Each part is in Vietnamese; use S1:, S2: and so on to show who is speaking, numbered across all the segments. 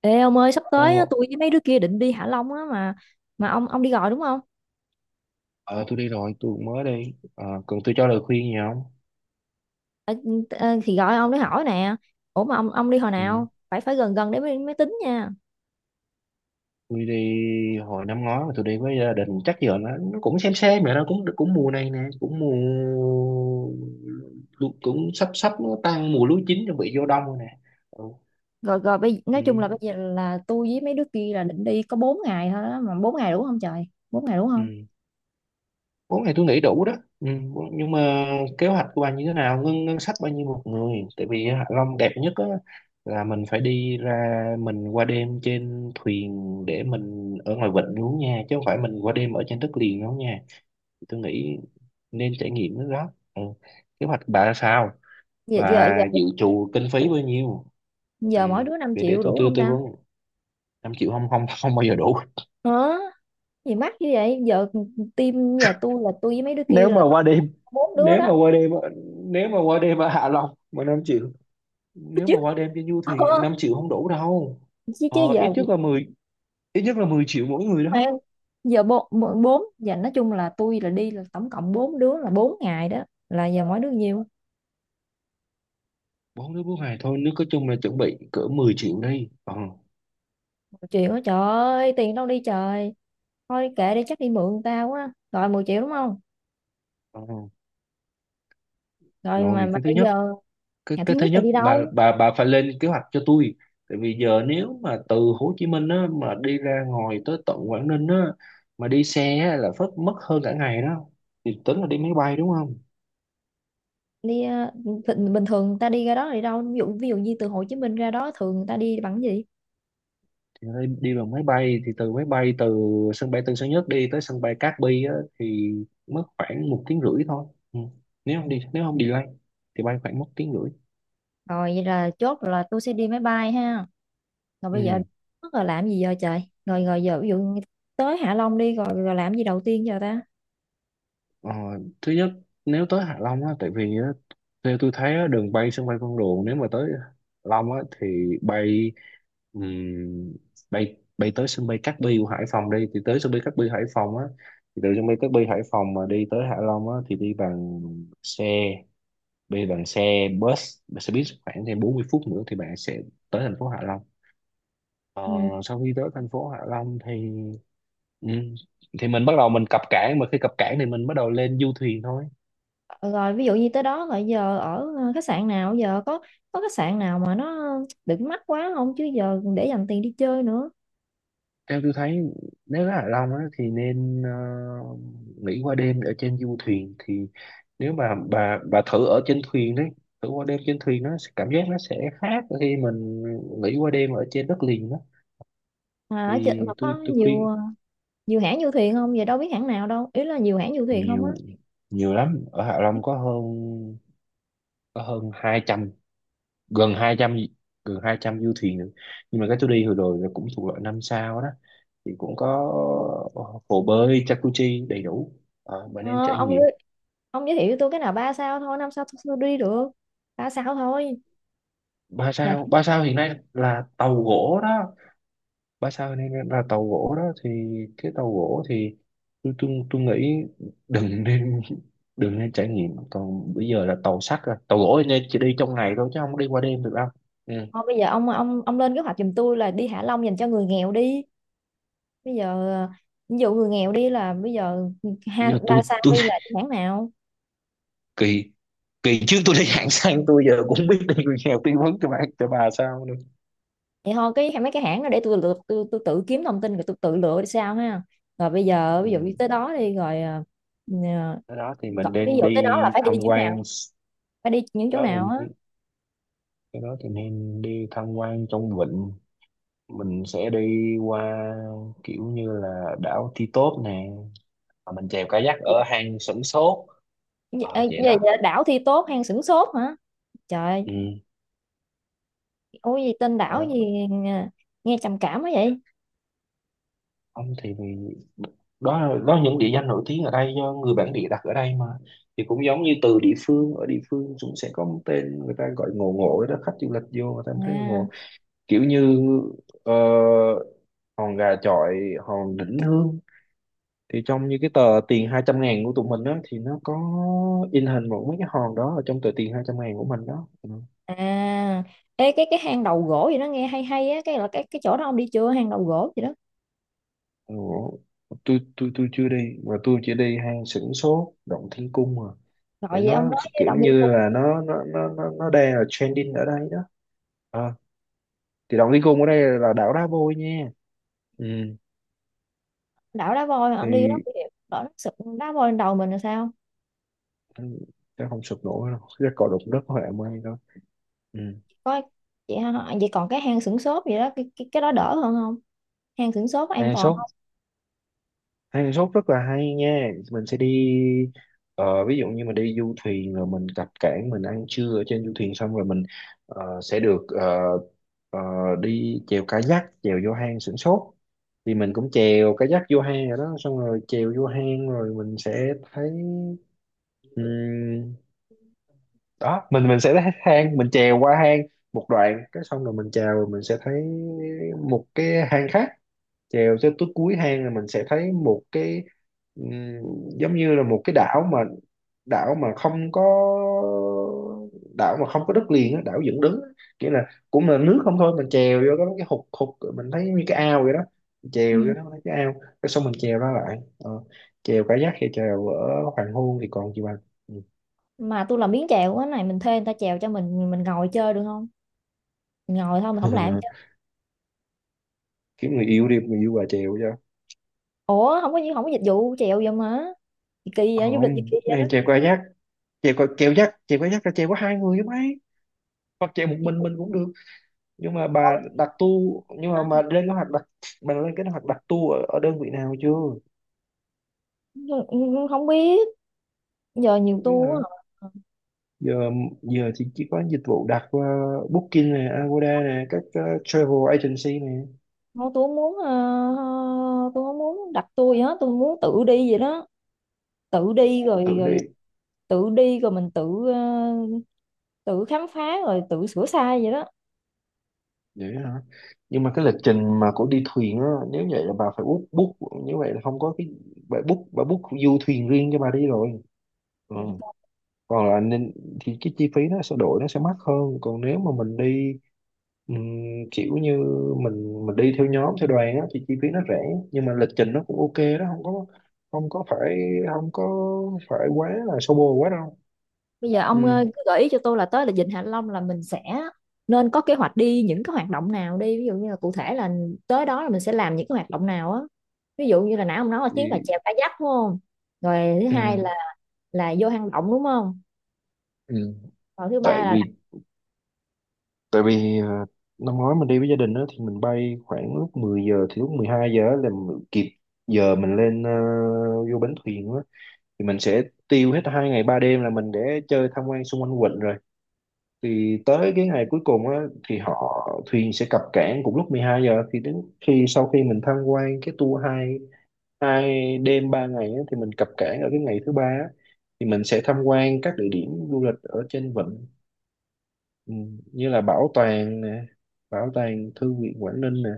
S1: Ê ông ơi sắp
S2: Ờ,
S1: tới á, tôi với mấy đứa kia định đi Hạ Long á mà mà ông đi gọi đúng không?
S2: ờ, tôi đi rồi, tôi cũng mới đi. Ờ, cần tôi cho lời khuyên gì không?
S1: Ờ, ờ, thì gọi ông để hỏi nè. Ủa mà ông đi hồi
S2: Ừ.
S1: nào? Phải phải gần gần để mới tính nha.
S2: Tôi đi hồi năm ngoái mà tôi đi với gia đình, chắc giờ nó cũng xem rồi đó, cũng cũng mùa này nè, cũng mùa cũng sắp sắp nó tan mùa lúa chín chuẩn bị vô đông rồi nè, ừ.
S1: Rồi, rồi, bây
S2: Ừ.
S1: nói chung là bây giờ là tôi với mấy đứa kia là định đi có 4 ngày thôi đó, mà 4 ngày đủ không trời? 4 ngày đủ không?
S2: Ừ, bốn ngày tôi nghĩ đủ đó, ừ, nhưng mà kế hoạch của bạn như thế nào, ngân ngân sách bao nhiêu một người? Tại vì Hạ Long đẹp nhất á, là mình phải đi ra, mình qua đêm trên thuyền để mình ở ngoài vịnh luôn nha, chứ không phải mình qua đêm ở trên đất liền đâu nha. Tôi nghĩ nên trải nghiệm cái đó, ừ. Kế hoạch bà là sao,
S1: Giờ giờ
S2: bà
S1: giờ
S2: dự trù kinh phí bao nhiêu? Ừ,
S1: giờ mỗi đứa 5
S2: để
S1: triệu
S2: tôi
S1: đủ
S2: tư
S1: không
S2: tư
S1: ta?
S2: vấn, 5 triệu không không không bao giờ đủ.
S1: Hả? Gì mắc như vậy? Giờ team, giờ tôi là tôi với mấy đứa kia
S2: Nếu mà
S1: là tổng
S2: qua
S1: cộng
S2: đêm,
S1: có bốn đứa
S2: nếu mà
S1: đó
S2: qua đêm ở- nếu mà qua đêm ở Hạ Long mà 5 triệu, nếu
S1: chứ.
S2: mà qua đêm cho du
S1: Ờ,
S2: thì 5 triệu không đủ đâu.
S1: chứ chứ giờ.
S2: Ít nhất là mười, ít nhất là 10 triệu mỗi người
S1: Phải không?
S2: đó.
S1: Giờ bốn bốn bốn- giờ nói chung là tôi là đi là tổng cộng bốn đứa là bốn ngày đó, là giờ mỗi đứa nhiêu
S2: Bốn đứa bốn ngày thôi, nếu có chung là chuẩn bị cỡ 10 triệu đi,
S1: 1 triệu á, trời ơi tiền đâu đi trời. Thôi kệ đi, chắc đi mượn tao quá, rồi 10 triệu đúng không?
S2: ờ.
S1: Rồi, mà,
S2: Rồi
S1: mà
S2: cái thứ
S1: bây
S2: nhất,
S1: giờ
S2: cái
S1: ngày thứ
S2: cái thứ
S1: nhất là
S2: nhất
S1: đi
S2: bà
S1: đâu?
S2: bà phải lên kế hoạch cho tôi. Tại vì giờ nếu mà từ Hồ Chí Minh á, mà đi ra ngoài tới tận Quảng Ninh á, mà đi xe á, là phất mất hơn cả ngày đó, thì tính là đi máy bay đúng không?
S1: Đi, bình bình thường người ta đi ra đó là đi đâu, ví dụ như từ Hồ Chí Minh ra đó thường người ta đi bằng cái gì?
S2: Thì ở đây đi bằng máy bay, thì từ máy bay từ sân bay Tân Sơn Nhất đi tới sân bay Cát Bi á, thì mất khoảng một tiếng rưỡi thôi, ừ. Nếu không đi, nếu không delay thì bay khoảng một tiếng rưỡi,
S1: Rồi vậy là chốt là tôi sẽ đi máy bay ha. Rồi
S2: ừ.
S1: bây giờ mất rồi làm gì giờ trời, rồi rồi giờ ví dụ như tới Hạ Long đi rồi rồi làm gì đầu tiên giờ ta?
S2: ờ, thứ nhất, nếu tới Hạ Long á, tại vì á, theo tôi thấy á, đường bay sân bay Vân Đồn nếu mà tới Hạ Long á, thì bay, ừm, bay tới sân bay Cát Bi của Hải Phòng đi, thì tới sân bay Cát Bi Hải Phòng á, thì từ sân bay Cát Bi Hải Phòng mà đi tới Hạ Long á, thì đi bằng xe, bây giờ bằng xe bus, xe buýt khoảng thêm 40 phút nữa thì bạn sẽ tới thành phố Hạ Long. Ờ,
S1: Ừ.
S2: sau khi tới thành phố Hạ Long thì, ừ, thì mình bắt đầu mình cập cảng, mà khi cập cảng thì mình bắt đầu lên du thuyền thôi.
S1: Rồi ví dụ như tới đó rồi giờ ở, khách sạn nào, giờ có khách sạn nào mà nó đừng mắc quá không, chứ giờ để dành tiền đi chơi nữa.
S2: Theo tôi thấy nếu ở Hạ Long á, thì nên, nghỉ qua đêm ở trên du thuyền, thì nếu mà bà thử ở trên thuyền đấy, thử qua đêm trên thuyền, nó sẽ- cảm giác nó sẽ khác khi mình nghỉ qua đêm ở trên đất liền đó.
S1: Mà ở trên
S2: Thì
S1: mà có
S2: tôi
S1: nhiều,
S2: khuyên,
S1: nhiều hãng du thuyền không, giờ đâu biết hãng nào đâu, ý là nhiều hãng du thuyền không á.
S2: nhiều, nhiều lắm, ở Hạ Long có hơn, có hơn 200, gần 200, gần 200 du thuyền nữa. Nhưng mà cái tôi đi hồi rồi là cũng thuộc loại năm sao đó, thì cũng có, ờ, hồ bơi jacuzzi đầy đủ. Ờ, bạn
S1: Ờ,
S2: nên trải
S1: ông
S2: nghiệm.
S1: ơi, ông giới thiệu cho tôi cái nào ba sao thôi, năm sao tôi đi được, ba sao thôi.
S2: Ba
S1: Rồi,
S2: sao, ba sao hiện nay là tàu gỗ đó, ba sao hiện nay là tàu gỗ đó, thì cái tàu gỗ thì tôi nghĩ đừng nên đừng nên trải nghiệm. Còn bây giờ là tàu sắt rồi, tàu gỗ thì nên chỉ đi trong ngày thôi chứ không có đi qua đêm được đâu, ừ.
S1: thôi bây giờ ông lên kế hoạch giùm tôi là đi Hạ Long dành cho người nghèo đi. Bây giờ ví dụ người nghèo đi là bây giờ, ha,
S2: Nhưng mà
S1: ba
S2: tôi
S1: sao
S2: tôi
S1: đi là hãng nào?
S2: kỳ, kỳ trước tôi đi hạng xăng, tôi giờ cũng biết đi người nghèo tư vấn cho bạn cho bà sao nữa.
S1: Vậy thôi cái mấy cái hãng đó để tôi lựa, tôi tự kiếm thông tin rồi tôi tự lựa sao ha. Rồi bây giờ
S2: Ừ,
S1: ví dụ như tới đó đi rồi, ờ,
S2: cái đó thì mình
S1: ví
S2: nên
S1: dụ
S2: đi
S1: tới đó là phải đi
S2: tham
S1: những nào,
S2: quan,
S1: phải đi những
S2: cái
S1: chỗ
S2: đó
S1: nào á?
S2: thì cái đó thì nên đi tham quan trong vịnh, mình sẽ đi qua, kiểu như là đảo Ti Tốp nè. Và mình chèo kayak
S1: Thì-
S2: ở hang Sửng Sốt. Ờ,
S1: Ê,
S2: vậy
S1: về
S2: đó,
S1: đảo thi tốt hang sửng sốt hả? Trời
S2: ừ.
S1: ôi gì tên đảo gì,
S2: Đó.
S1: nghe nghe trầm cảm quá vậy.
S2: Không, thì vì đó là những địa danh nổi tiếng ở đây do người bản địa đặt ở đây mà. Thì cũng giống như từ địa phương, ở địa phương cũng sẽ có một tên người ta gọi ngộ ngộ đó, khách du lịch vô người ta thấy ngộ,
S1: À.
S2: kiểu như, ờ, hòn gà chọi, hòn đỉnh hương, thì trong như cái tờ tiền 200.000 của tụi mình á, thì nó có in hình một mấy cái hòn đó ở trong tờ tiền 200 ngàn của mình đó, ừ.
S1: À. Ê, cái hang đầu gỗ gì đó nghe hay hay á, cái là cái chỗ đó ông đi chưa, hang đầu gỗ gì đó?
S2: Ừ, tôi chưa đi, mà tôi chỉ đi hang Sửng Sốt, Động Thiên Cung mà,
S1: Rồi
S2: để
S1: vậy ông
S2: nó
S1: nói với
S2: kiểu
S1: động viên
S2: như
S1: cung.
S2: là nó đang là trending ở đây đó. Ờ, thì động đi cùng ở đây là đảo đá vôi nha, ừ.
S1: Đảo đá voi hả? Ông đi đó
S2: Thì
S1: đổ nó sụp, đá voi lên đầu mình là sao?
S2: ừ, chắc không sụp nổi đâu, chắc cò đụng đất hoẹ mây đâu, ừ.
S1: Có chị ha. Vậy còn cái hang xửng xốp vậy đó, cái đó đỡ hơn không, hang xửng xốp có an
S2: À,
S1: toàn
S2: số,
S1: không?
S2: Hang Sóc rất là hay nha, mình sẽ đi, ví dụ như mình đi du thuyền rồi mình cập cảng, mình ăn trưa ở trên du thuyền xong rồi mình, sẽ được, ờ, đi chèo kayak chèo vô hang Sửng Sốt, thì mình cũng chèo kayak vô hang rồi đó, xong rồi chèo vô hang rồi mình sẽ thấy, ừm, đó mình sẽ thấy hang, mình chèo qua hang một đoạn, cái xong rồi mình chèo rồi mình sẽ thấy một cái hang khác, chèo tới tới cuối hang là mình sẽ thấy một cái, ừm, giống như là một cái đảo mà, đảo mà không có, đảo mà không có đất liền á, đảo dựng đứng á. Nghĩa là cũng là nước không thôi, mình chèo vô có mấy cái hụt hụt mình thấy như cái ao vậy đó, mình
S1: Ừ.
S2: chèo vô đó mình thấy cái ao, cái xong mình chèo ra lại, ờ. Chèo cá giác hay chèo ở hoàng hôn thì còn gì bằng.
S1: Mà tôi làm biến chèo á này, mình thuê người ta chèo cho mình ngồi chơi được không? Mình ngồi thôi, mình
S2: Ừ.
S1: không làm chứ.
S2: Kiếm người yêu đi, người yêu bà chèo cho.
S1: Ủa không có dịch vụ chèo vậy mà. Gì kỳ vậy, du lịch gì
S2: Không,
S1: kỳ vậy
S2: cái
S1: đó.
S2: này chèo qua giác, chèo qua chèo dắt, chèo qua dắt là chèo có hai người chứ mấy, hoặc chèo một
S1: Thì tôi
S2: mình cũng được. Nhưng mà bà
S1: nói.
S2: đặt tu, nhưng mà
S1: Hả?
S2: mà lên kế hoạch đặt, bà lên kế hoạch đặt tu ở đơn vị nào chưa?
S1: Không, không biết. Giờ nhiều
S2: Không Biết
S1: tour
S2: hả?
S1: á.
S2: Giờ, giờ thì chỉ có dịch vụ đặt qua Booking này, Agoda này, các, travel agency này.
S1: Không, tôi không muốn, tôi không muốn đặt tour gì hết, tôi muốn tự đi vậy đó. Tự đi rồi
S2: Tự đi,
S1: rồi tự đi rồi mình tự khám phá rồi tự sửa sai vậy đó.
S2: vậy hả. Nhưng mà cái lịch trình mà của đi thuyền á, nếu vậy là bà phải book, như vậy là không có cái, bà book, bà book du thuyền riêng cho bà đi rồi, ừ.
S1: Trời đất ơi.
S2: Còn là nên, thì cái chi phí nó sẽ đổi, nó sẽ mắc hơn, còn nếu mà mình đi, Ừm, kiểu như mình đi theo nhóm theo đoàn á, thì chi phí nó rẻ, nhưng mà lịch trình nó cũng ok đó, không có, không có phải, không có phải quá là xô bồ quá đâu,
S1: Bây giờ
S2: ừ.
S1: ông, cứ gợi ý cho tôi là tới là Vịnh Hạ Long là mình sẽ nên có kế hoạch đi những cái hoạt động nào đi, ví dụ như là cụ thể là tới đó là mình sẽ làm những cái hoạt động nào á, ví dụ như là nãy ông nói là chuyến là
S2: Thì,
S1: chèo kayak đúng không? Rồi thứ
S2: ừ.
S1: hai là vô hang động đúng không?
S2: Ừ.
S1: Rồi thứ
S2: Tại
S1: ba là đặt
S2: vì, tại vì ờ, năm ngoái mình đi với gia đình đó thì mình bay khoảng lúc 10 giờ, thì lúc 12 giờ á là mình kịp giờ mình lên, vô bến thuyền á, thì mình sẽ tiêu hết 2 ngày 3 đêm là mình để chơi tham quan xung quanh quận. Thì tới cái ngày cuối cùng á, thì họ, thuyền sẽ cập cảng cùng lúc 12 giờ, thì đến khi sau khi mình tham quan cái tour hai, 2 đêm 3 ngày á, thì mình cập cảng ở cái ngày thứ ba á, thì mình sẽ tham quan các địa điểm du lịch ở trên vịnh, ừ, như là bảo tàng nè, bảo tàng thư viện Quảng Ninh nè,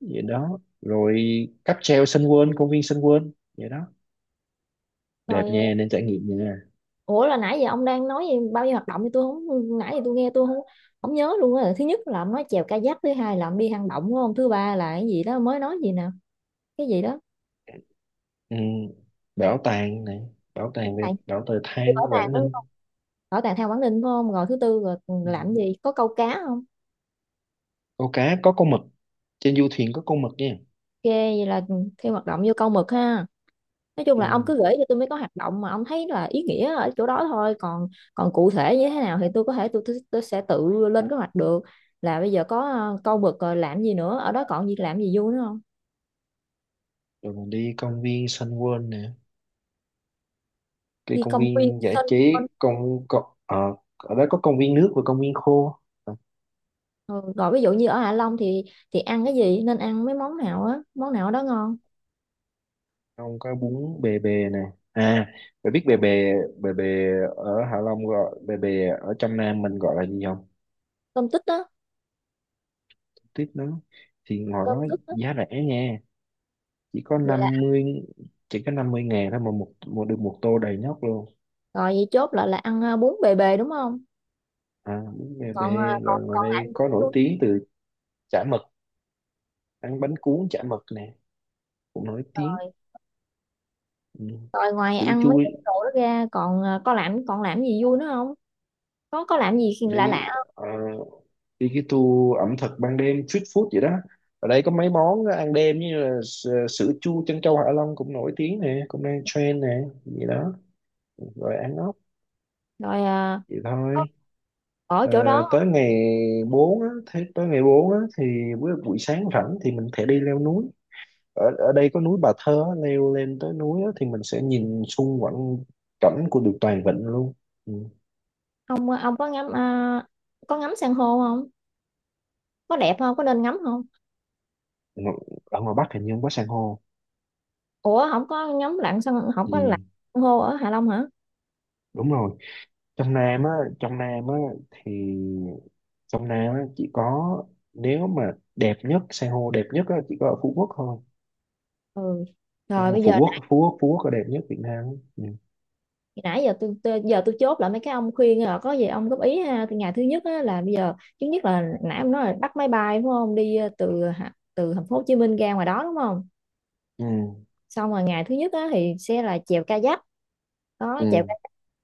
S2: vậy đó rồi cáp treo Sun World, công viên Sun World, vậy đó, đẹp
S1: coi,
S2: nha, nên trải nghiệm nha.
S1: ủa là nãy giờ ông đang nói gì, bao nhiêu hoạt động thì tôi không, nãy giờ tôi nghe tôi không không nhớ luôn á. Thứ nhất là ông nói chèo kayak, thứ hai là ông đi hang động đúng không, thứ ba là cái gì đó mới nói gì nè, cái gì đó.
S2: Ừ, bảo tàng này, bảo tàng về
S1: Tại
S2: bảo tàng
S1: đi
S2: than
S1: bảo tàng
S2: Quảng
S1: đúng
S2: Ninh.
S1: không, bảo tàng theo Quảng Ninh phải không, rồi thứ tư là
S2: Ừ.
S1: làm gì, có câu cá không?
S2: Câu cá có con mực, trên du thuyền có con mực nha,
S1: Ok vậy là thêm hoạt động vô câu mực ha. Nói chung là ông
S2: ừ.
S1: cứ gửi cho tôi mấy có hoạt động mà ông thấy là ý nghĩa ở chỗ đó thôi, còn còn cụ thể như thế nào thì tôi có thể, tôi sẽ tự lên kế hoạch được. Là bây giờ có, câu mực rồi làm gì nữa ở đó, còn gì làm gì vui nữa không?
S2: Rồi mình đi công viên Sun World nè, cái
S1: Đi
S2: công
S1: công viên
S2: viên giải
S1: sân vân.
S2: trí, công, ở đó có công viên nước và công viên khô. Ờ,
S1: Ừ, rồi ví dụ như ở Hạ Long thì ăn cái gì, nên ăn mấy món nào á, món nào đó ngon?
S2: không có bún bề bề nè, à, bạn biết bề bề, bề bề ở Hạ Long gọi bề bề, ở trong Nam mình gọi là gì không?
S1: Cơm tích á.
S2: Tiếp nó, thì ngồi
S1: Cơm
S2: đó
S1: tích á.
S2: giá rẻ nha, chỉ có
S1: Vậy là.
S2: 50, chỉ có 50.000 thôi, mà một, một được một tô đầy nhóc luôn.
S1: Rồi vậy chốt lại là ăn, bún bề bề đúng không?
S2: À bún bề bề,
S1: Còn,
S2: là
S1: còn
S2: ngoài
S1: còn lại
S2: đây
S1: thì
S2: có
S1: bún
S2: nổi
S1: luôn.
S2: tiếng từ chả mực, ăn bánh cuốn chả mực nè, cũng nổi tiếng,
S1: Rồi,
S2: ừ.
S1: ngoài
S2: Sữa
S1: ăn mấy
S2: chua,
S1: cái đồ đó ra còn, có làm, còn làm gì vui nữa không? Có làm gì lạ
S2: đi,
S1: lạ không?
S2: ờ, đi cái tour ẩm thực ban đêm, street food vậy đó, ở đây có mấy món ăn đêm như là sữa chua trân châu Hạ Long cũng nổi tiếng nè, cũng đang trend nè gì đó, rồi ăn ốc,
S1: Rồi,
S2: vậy
S1: có
S2: thôi.
S1: ở
S2: Ờ,
S1: chỗ đó.
S2: tới ngày 4, á, thế tới ngày 4 á, thì buổi sáng rảnh thì mình thể đi leo núi, ở ở đây có núi Bà Thơ á, leo lên tới núi á, thì mình sẽ nhìn xung quanh cảnh của được toàn vịnh luôn. Ừ.
S1: Ông có ngắm, có ngắm san hô không, có đẹp không, có nên ngắm không?
S2: ngo- Ở ngoài Bắc hình như không có san hô,
S1: Ủa không có ngắm lặn san, không có
S2: ừ,
S1: lặn san hô ở Hạ Long hả?
S2: đúng rồi. Trong Nam á, trong Nam á thì, trong Nam á chỉ có, nếu mà đẹp nhất san hô đẹp nhất á chỉ có ở Phú Quốc thôi.
S1: Ừ, rồi
S2: Nhưng mà
S1: bây
S2: Phú
S1: giờ
S2: Quốc, Phú Quốc là đẹp nhất Việt Nam á, ừ.
S1: nãy giờ tôi giờ tôi chốt lại mấy cái ông khuyên rồi có gì ông góp ý ha. Từ ngày thứ nhất á, là bây giờ thứ nhất là nãy ông nói là bắt máy bay đúng không, đi, từ từ thành phố Hồ Chí Minh ra ngoài đó đúng không.
S2: Ừ.
S1: Xong rồi ngày thứ nhất á, thì sẽ là chèo kayak, đó chèo
S2: Ừ.
S1: kayak.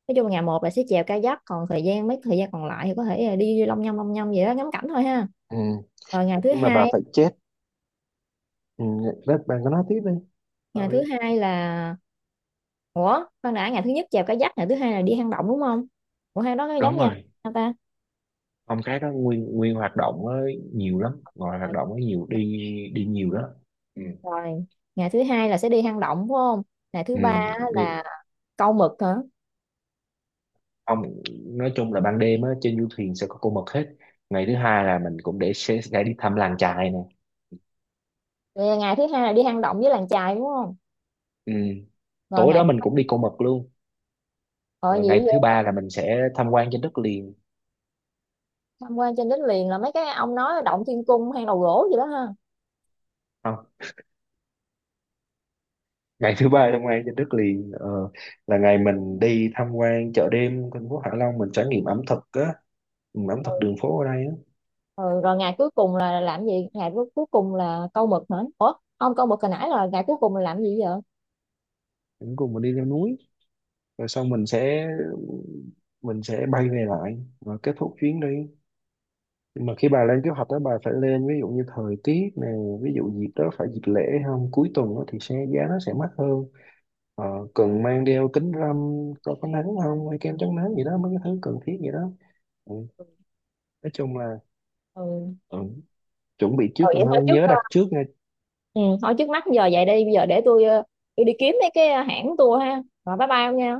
S1: Nói chung là ngày một là sẽ chèo kayak, còn thời gian mấy thời gian còn lại thì có thể là đi long nhông vậy đó, ngắm cảnh thôi ha.
S2: Ừ.
S1: Rồi ngày thứ
S2: Nhưng mà bà
S1: hai,
S2: phải chết, ừ, đó, bà có nói tiếp đi. Bà
S1: ngày
S2: đi.
S1: thứ hai là ủa khoan đã, ngày thứ nhất chèo kayak, ngày thứ hai là đi hang động đúng không, ủa hang đó nó giống
S2: Đúng
S1: nhau
S2: rồi,
S1: hả ta?
S2: phong cái đó nguyên, hoạt động á nhiều lắm, ngoài hoạt
S1: Rồi.
S2: động á nhiều đi, đi nhiều đó, ừ.
S1: Rồi. Ngày thứ hai là sẽ đi hang động đúng không, ngày thứ ba á là
S2: Ừ.
S1: câu mực hả?
S2: Ông, nói chung là ban đêm á trên du thuyền sẽ có con mực hết. Ngày thứ hai là mình cũng để sẽ đi thăm làng chài nè,
S1: Rồi ngày thứ hai là đi hang động với làng chài đúng không,
S2: ừ.
S1: rồi
S2: Tối
S1: ngày,
S2: đó mình cũng đi con mực luôn.
S1: rồi
S2: Rồi
S1: nhiều
S2: ngày thứ
S1: vậy rồi.
S2: ba là mình sẽ tham quan trên đất liền.
S1: Tham quan trên đất liền là mấy cái ông nói động thiên cung hang đầu gỗ gì đó ha.
S2: Không, ngày thứ ba tham quan trên đất liền, là ngày mình đi tham quan chợ đêm thành phố Hạ Long, mình trải nghiệm ẩm thực á, ừ, ẩm thực đường phố ở đây á.
S1: Ừ, rồi ngày cuối cùng là làm gì, ngày cuối cuối cùng là câu mực hả, ủa không câu mực hồi nãy, là ngày cuối cùng là làm gì vậy?
S2: Mình đi leo núi rồi sau mình sẽ, mình sẽ bay về lại và kết thúc chuyến đi. Nhưng mà khi bà lên kế hoạch đó bà phải lên ví dụ như thời tiết nè, ví dụ dịp đó phải dịp lễ không, cuối tuần đó thì xe giá nó sẽ mắc hơn, ờ, cần mang đeo kính râm, có nắng không, hay kem chống nắng gì đó, mấy cái thứ cần thiết gì đó, ừ. Nói chung là,
S1: Ừ,
S2: ừ, chuẩn bị trước
S1: rồi
S2: còn
S1: vậy thôi
S2: hơn,
S1: trước
S2: nhớ
S1: ờ,
S2: đặt trước nha.
S1: ừ, thôi trước mắt giờ vậy đi, bây giờ để tôi đi kiếm mấy cái, hãng tour ha, rồi bye bye ông nha.